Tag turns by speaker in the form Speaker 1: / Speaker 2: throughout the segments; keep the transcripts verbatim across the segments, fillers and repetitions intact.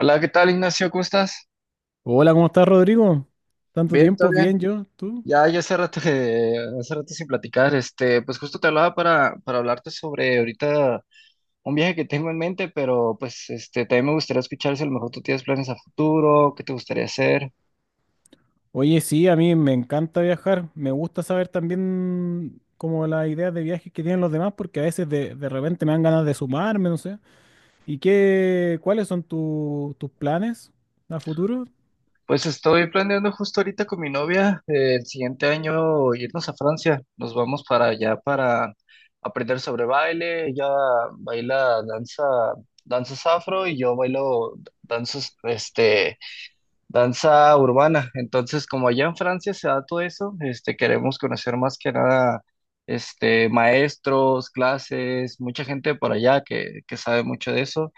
Speaker 1: Hola, ¿qué tal, Ignacio? ¿Cómo estás?
Speaker 2: Hola, ¿cómo estás, Rodrigo? Tanto
Speaker 1: Bien, todo
Speaker 2: tiempo,
Speaker 1: bien.
Speaker 2: bien yo, ¿tú?
Speaker 1: Ya, ya hace rato, que- hace rato sin platicar. Este, pues justo te hablaba para, para hablarte sobre ahorita un viaje que tengo en mente, pero pues este, también me gustaría escuchar si a lo mejor tú tienes planes a futuro, qué te gustaría hacer.
Speaker 2: Oye, sí, a mí me encanta viajar. Me gusta saber también como las ideas de viajes que tienen los demás, porque a veces de, de repente me dan ganas de sumarme, no sé. ¿Y qué, cuáles son tu- tus planes a futuro?
Speaker 1: Pues estoy planeando justo ahorita con mi novia, eh, el siguiente año irnos a Francia. Nos vamos para allá para aprender sobre baile. Ella baila danza, danzas afro y yo bailo danzas, este danza urbana. Entonces, como allá en Francia se da todo eso, este, queremos conocer más que nada, este, maestros, clases, mucha gente por allá que, que sabe mucho de eso.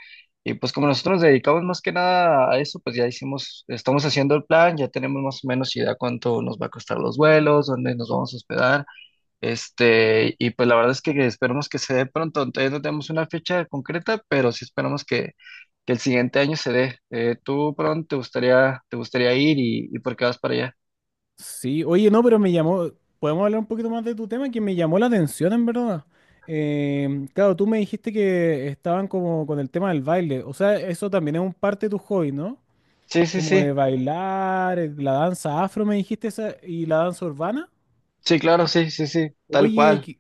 Speaker 1: Y pues como nosotros nos dedicamos más que nada a eso, pues ya hicimos, estamos haciendo el plan, ya tenemos más o menos idea cuánto nos va a costar los vuelos, dónde nos vamos a hospedar. Este, y pues la verdad es que esperamos que se dé pronto. Todavía no tenemos una fecha concreta, pero sí esperamos que, que el siguiente año se dé. Eh, ¿tú por dónde te gustaría, te gustaría ir y, y por qué vas para allá?
Speaker 2: Sí, oye, no, pero me llamó, podemos hablar un poquito más de tu tema, que me llamó la atención, en verdad. Em, claro, tú me dijiste que estaban como con el tema del baile, o sea, eso también es un parte de tu hobby, ¿no?
Speaker 1: Sí, sí,
Speaker 2: Como
Speaker 1: sí.
Speaker 2: de bailar, eh, la danza afro, me dijiste esa, y la danza urbana.
Speaker 1: Sí, claro, sí, sí, sí, tal
Speaker 2: Oye,
Speaker 1: cual.
Speaker 2: qué,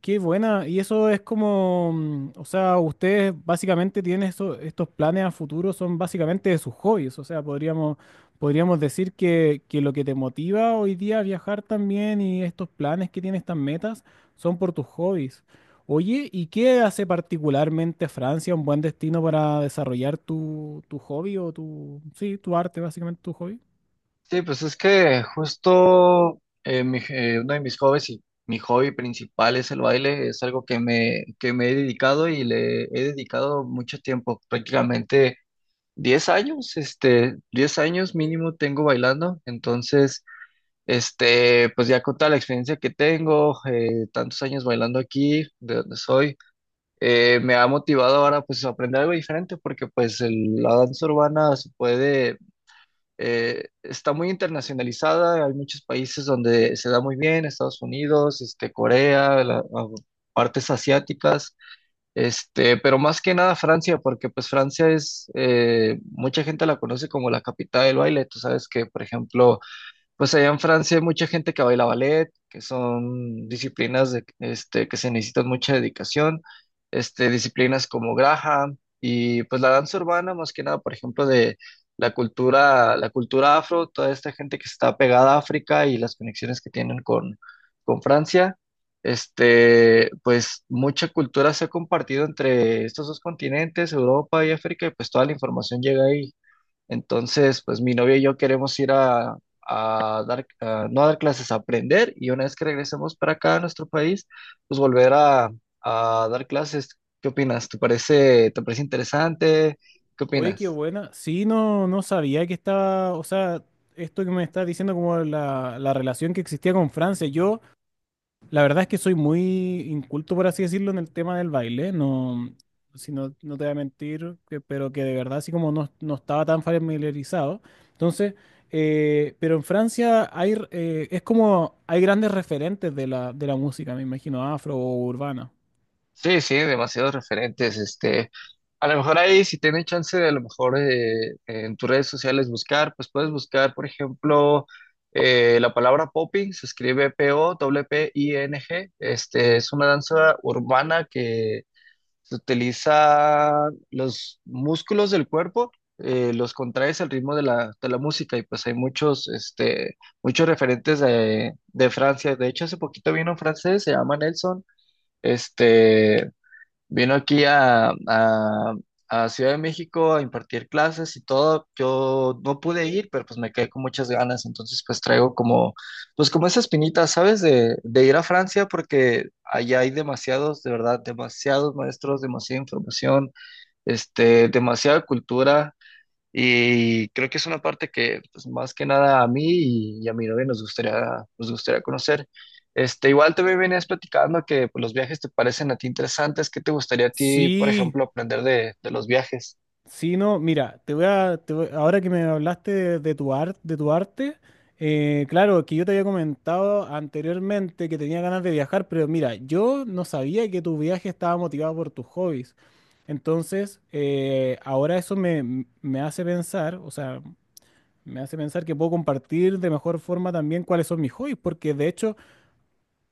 Speaker 2: qué buena. Y eso es como, mm, o sea, ustedes básicamente tienen eso- estos planes a futuro, son básicamente de sus hobbies. O sea, podríamos, podríamos decir que, que lo que te motiva hoy día a viajar también y estos planes que tienes, estas metas, son por tus hobbies. Oye, ¿y qué hace particularmente Francia un buen destino para desarrollar tu, tu hobby o tu, sí, tu arte, básicamente tu hobby?
Speaker 1: Sí, pues es que justo eh, mi- eh, uno de mis hobbies y mi hobby principal es el baile. Es algo que me, que me he dedicado y le he dedicado mucho tiempo. Prácticamente, diez años, este, diez años mínimo tengo bailando, entonces, este, pues ya con toda la experiencia que tengo, eh, tantos años bailando aquí, de donde soy, eh, me ha motivado ahora pues a aprender algo diferente, porque pues el- la danza urbana se puede, eh, está muy internacionalizada, hay muchos países donde se da muy bien, Estados Unidos, este, Corea, la- a- partes asiáticas, este, pero más que nada Francia, porque pues Francia es, eh, mucha gente la conoce como la capital del baile. Tú sabes que, por ejemplo, pues allá en Francia hay mucha gente que baila ballet, que son disciplinas de, este, que se necesitan mucha dedicación, este, disciplinas como Graham y pues la danza urbana, más que nada, por ejemplo, de la cultura, la cultura afro, toda esta gente que está pegada a África y las conexiones que tienen con, con, Francia, este, pues mucha cultura se ha compartido entre estos dos continentes, Europa y África, y pues toda la información llega ahí. Entonces, pues mi novia y yo queremos ir a, a dar, a- no a dar clases, a aprender y una vez que regresemos para acá a nuestro país, pues volver a, a dar clases. ¿Qué opinas? ¿Te parece, te parece interesante? ¿Qué
Speaker 2: Oye, qué
Speaker 1: opinas?
Speaker 2: buena. Sí, no, no sabía que estaba, o sea, esto que me estás diciendo como la, la relación que existía con Francia. Yo, la verdad es que soy muy inculto, por así decirlo, en el tema del baile. No, si no, no te voy a mentir, que- pero que de verdad así como no, no estaba tan familiarizado. Entonces, eh, pero en Francia hay, r- eh, es como, hay grandes referentes de la, de la música, me imagino, afro o urbana.
Speaker 1: Sí, sí, demasiados referentes. Este, a lo mejor ahí, si tienes chance de a lo mejor eh, en tus redes sociales buscar, pues puedes buscar, por ejemplo, eh, la palabra popping, se escribe P O P I N G, este, es una danza urbana que se utiliza los músculos del cuerpo, eh, los contraes al ritmo de la, de la música y pues hay muchos, este, muchos referentes de, de Francia. De hecho, hace poquito vino un francés, se llama Nelson, este, vino aquí a, a- a Ciudad de México a impartir clases y todo. Yo no pude ir, pero pues me quedé con muchas ganas. Entonces pues traigo como, pues como esa espinita, ¿sabes? De, de ir a Francia porque allá hay demasiados, de verdad, demasiados maestros, demasiada información, este, demasiada cultura. Y creo que es una parte que, pues, más que nada a mí y, y a mi novia nos gustaría, nos gustaría conocer. Este, igual te venías platicando que pues, los viajes te parecen a ti interesantes. ¿Qué te gustaría a ti, por
Speaker 2: Sí,
Speaker 1: ejemplo, aprender de, de los viajes?
Speaker 2: sí, no, mira, te voy a, te voy- ahora que me hablaste de, de tu arte, de tu arte, eh, claro, que yo te había comentado anteriormente que tenía ganas de viajar, pero mira, yo no sabía que tu viaje estaba motivado por tus hobbies. Entonces, eh, ahora eso me, me hace pensar, o sea, me hace pensar que puedo compartir de mejor forma también cuáles son mis hobbies, porque de hecho,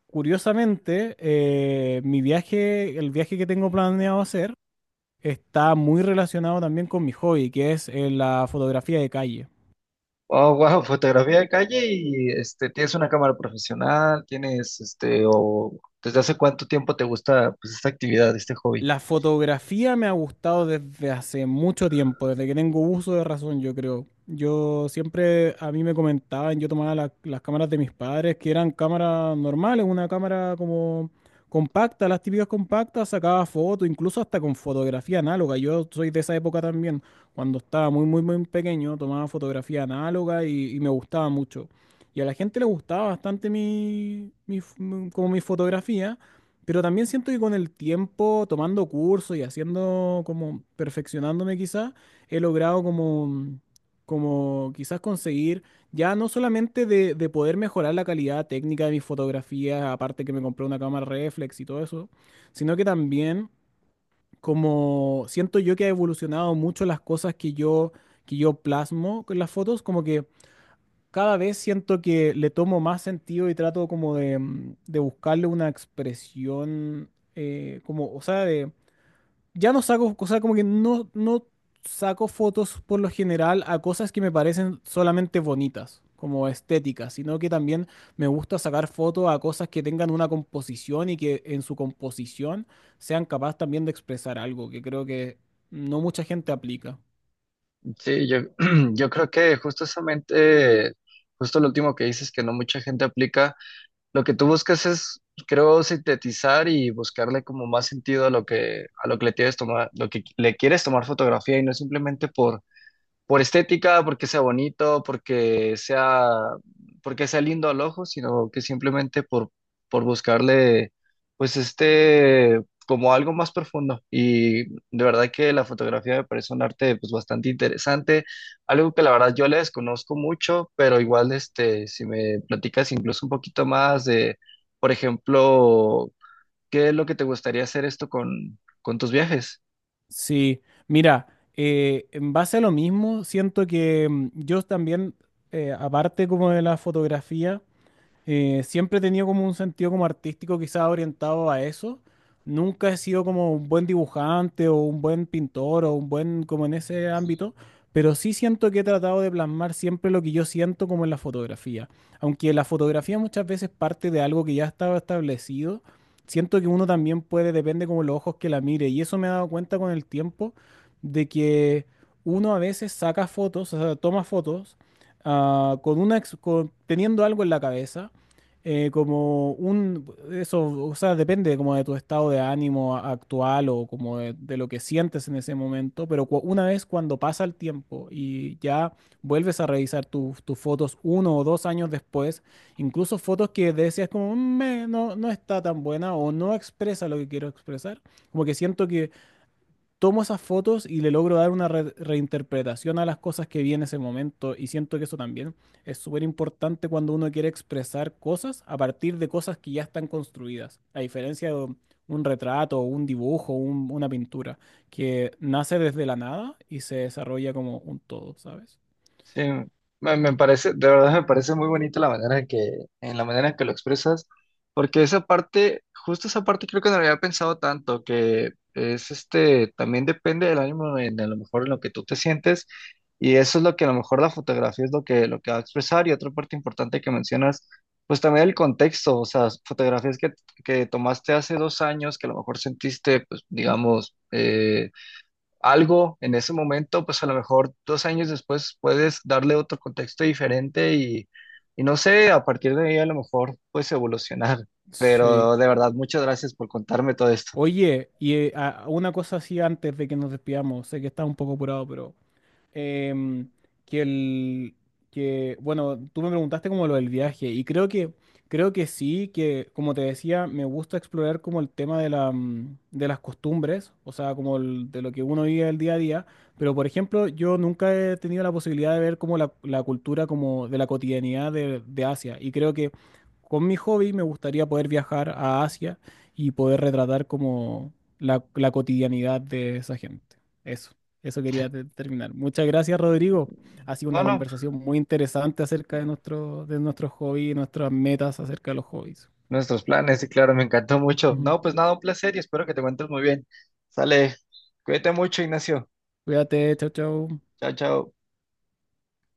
Speaker 2: curiosamente, eh, mi viaje, el viaje que tengo planeado hacer, está muy relacionado también con mi hobby, que es eh, la fotografía de calle.
Speaker 1: Oh, wow, fotografía de calle y este, tienes una cámara profesional, tienes este, o desde hace cuánto tiempo te gusta pues, esta actividad, este hobby.
Speaker 2: La fotografía me ha gustado desde hace mucho tiempo, desde que tengo uso de razón, yo creo. Yo siempre, a mí me comentaban, yo tomaba la- las cámaras de mis padres, que eran cámaras normales, una cámara como compacta, las típicas compactas, sacaba fotos, incluso hasta con fotografía análoga. Yo soy de esa época también, cuando estaba muy, muy, muy pequeño, tomaba fotografía análoga y, y me gustaba mucho. Y a la gente le gustaba bastante mi, mi f- como mi fotografía. Pero también siento que con el tiempo, tomando cursos y haciendo como perfeccionándome quizás, he logrado como, como quizás conseguir ya no solamente de, de poder mejorar la calidad técnica de mis fotografías, aparte que me compré una cámara reflex y todo eso, sino que también como siento yo que ha evolucionado mucho las cosas que yo, que yo plasmo con las fotos, como que cada vez siento que le tomo más sentido y trato como de, mm, de buscarle una expresión, eh, como, o sea, de, ya no saco, o sea, como que no, no saco fotos por lo general a cosas que me parecen solamente bonitas, como estéticas, sino que también me gusta sacar fotos a cosas que tengan una composición y que en su composición sean capaces también de expresar algo, que creo que no mucha gente aplica.
Speaker 1: Sí, yo, yo creo que justamente, justo lo último que dices, que no mucha gente aplica, lo que tú buscas es, creo, sintetizar y buscarle como más sentido a lo que, a lo que le tienes tomar, lo que le quieres tomar fotografía y no simplemente por por estética, porque sea bonito, porque sea, porque sea lindo al ojo, sino que simplemente por, por buscarle, pues este, como algo más profundo. Y de verdad que la fotografía me parece un arte, pues bastante interesante, algo que la verdad yo le desconozco mucho, pero igual, este, si me platicas incluso un poquito más de, por ejemplo, ¿qué es lo que te gustaría hacer esto con, con, tus viajes?
Speaker 2: Sí, mira, eh, en base a lo mismo, siento que mm, yo también, eh, aparte como de la fotografía, eh, siempre he tenido como un sentido como artístico quizá orientado a eso. Nunca he sido como un buen dibujante o un buen pintor o un buen como en ese ámbito, pero sí siento que he tratado de plasmar siempre lo que yo siento como en la fotografía. Aunque la fotografía muchas veces parte de algo que ya estaba establecido, siento que uno también puede, depende como los ojos que la mire. Y eso me he dado cuenta con el tiempo de que uno a veces saca fotos, o sea, toma fotos ah, con una, ex- con- teniendo algo en la cabeza eh, como un, eso, o sea, depende como de tu estado de ánimo a- actual o como de, de lo que sientes en ese momento, pero cua- una vez cuando pasa el tiempo y ya vuelves a revisar tus tus fotos uno o dos años después, incluso fotos que decías como "Mm, me- no, no está tan buena o no expresa lo que quiero expresar, como que siento que tomo esas fotos y le logro dar una re- reinterpretación a las cosas que vi en ese momento y siento que eso también es súper importante cuando uno quiere expresar cosas a partir de cosas que ya están construidas, a diferencia de un retrato, un dibujo, un- una pintura, que nace desde la nada y se desarrolla como un todo, ¿sabes?
Speaker 1: Sí, me, me parece, de verdad me parece muy bonita la manera en que, en la manera en que lo expresas, porque esa parte, justo esa parte creo que no la había pensado tanto, que es este, también depende del ánimo en, a lo mejor en lo que tú te sientes, y eso es lo que a lo mejor la fotografía es lo que, lo que va a expresar, y otra parte importante que mencionas, pues también el contexto, o sea, fotografías que, que tomaste hace dos años, que a lo mejor sentiste, pues digamos, eh, algo en ese momento, pues a lo mejor dos años después puedes darle otro contexto diferente y, y no sé, a partir de ahí a lo mejor puedes evolucionar.
Speaker 2: Sí.
Speaker 1: Pero de verdad, muchas gracias por contarme todo esto.
Speaker 2: Oye, y eh, a- una cosa así antes de que nos despidamos, sé que estás un poco apurado, pero em, que el que bueno, tú me preguntaste como lo del viaje y creo que creo que sí, que como te decía, me gusta explorar como el tema de la, mm, de las costumbres, o sea, como el- de lo que uno vive el día a día, pero por ejemplo, yo nunca he tenido la posibilidad de ver como la, la cultura como de la cotidianidad de, de Asia y creo que con mi hobby me gustaría poder viajar a Asia y poder retratar como la, la cotidianidad de esa gente. Eso. Eso quería te- terminar. Muchas gracias, Rodrigo. Ha sido
Speaker 1: No,
Speaker 2: una
Speaker 1: no,
Speaker 2: conversación muy interesante acerca de nuestro, de nuestros hobbies y nuestras metas acerca de los hobbies.
Speaker 1: nuestros planes, y claro, me encantó mucho.
Speaker 2: Ujú.
Speaker 1: No, pues nada, un placer y espero que te encuentres muy bien. Sale, cuídate mucho, Ignacio.
Speaker 2: Cuídate, chao, chao.
Speaker 1: Chao, chao.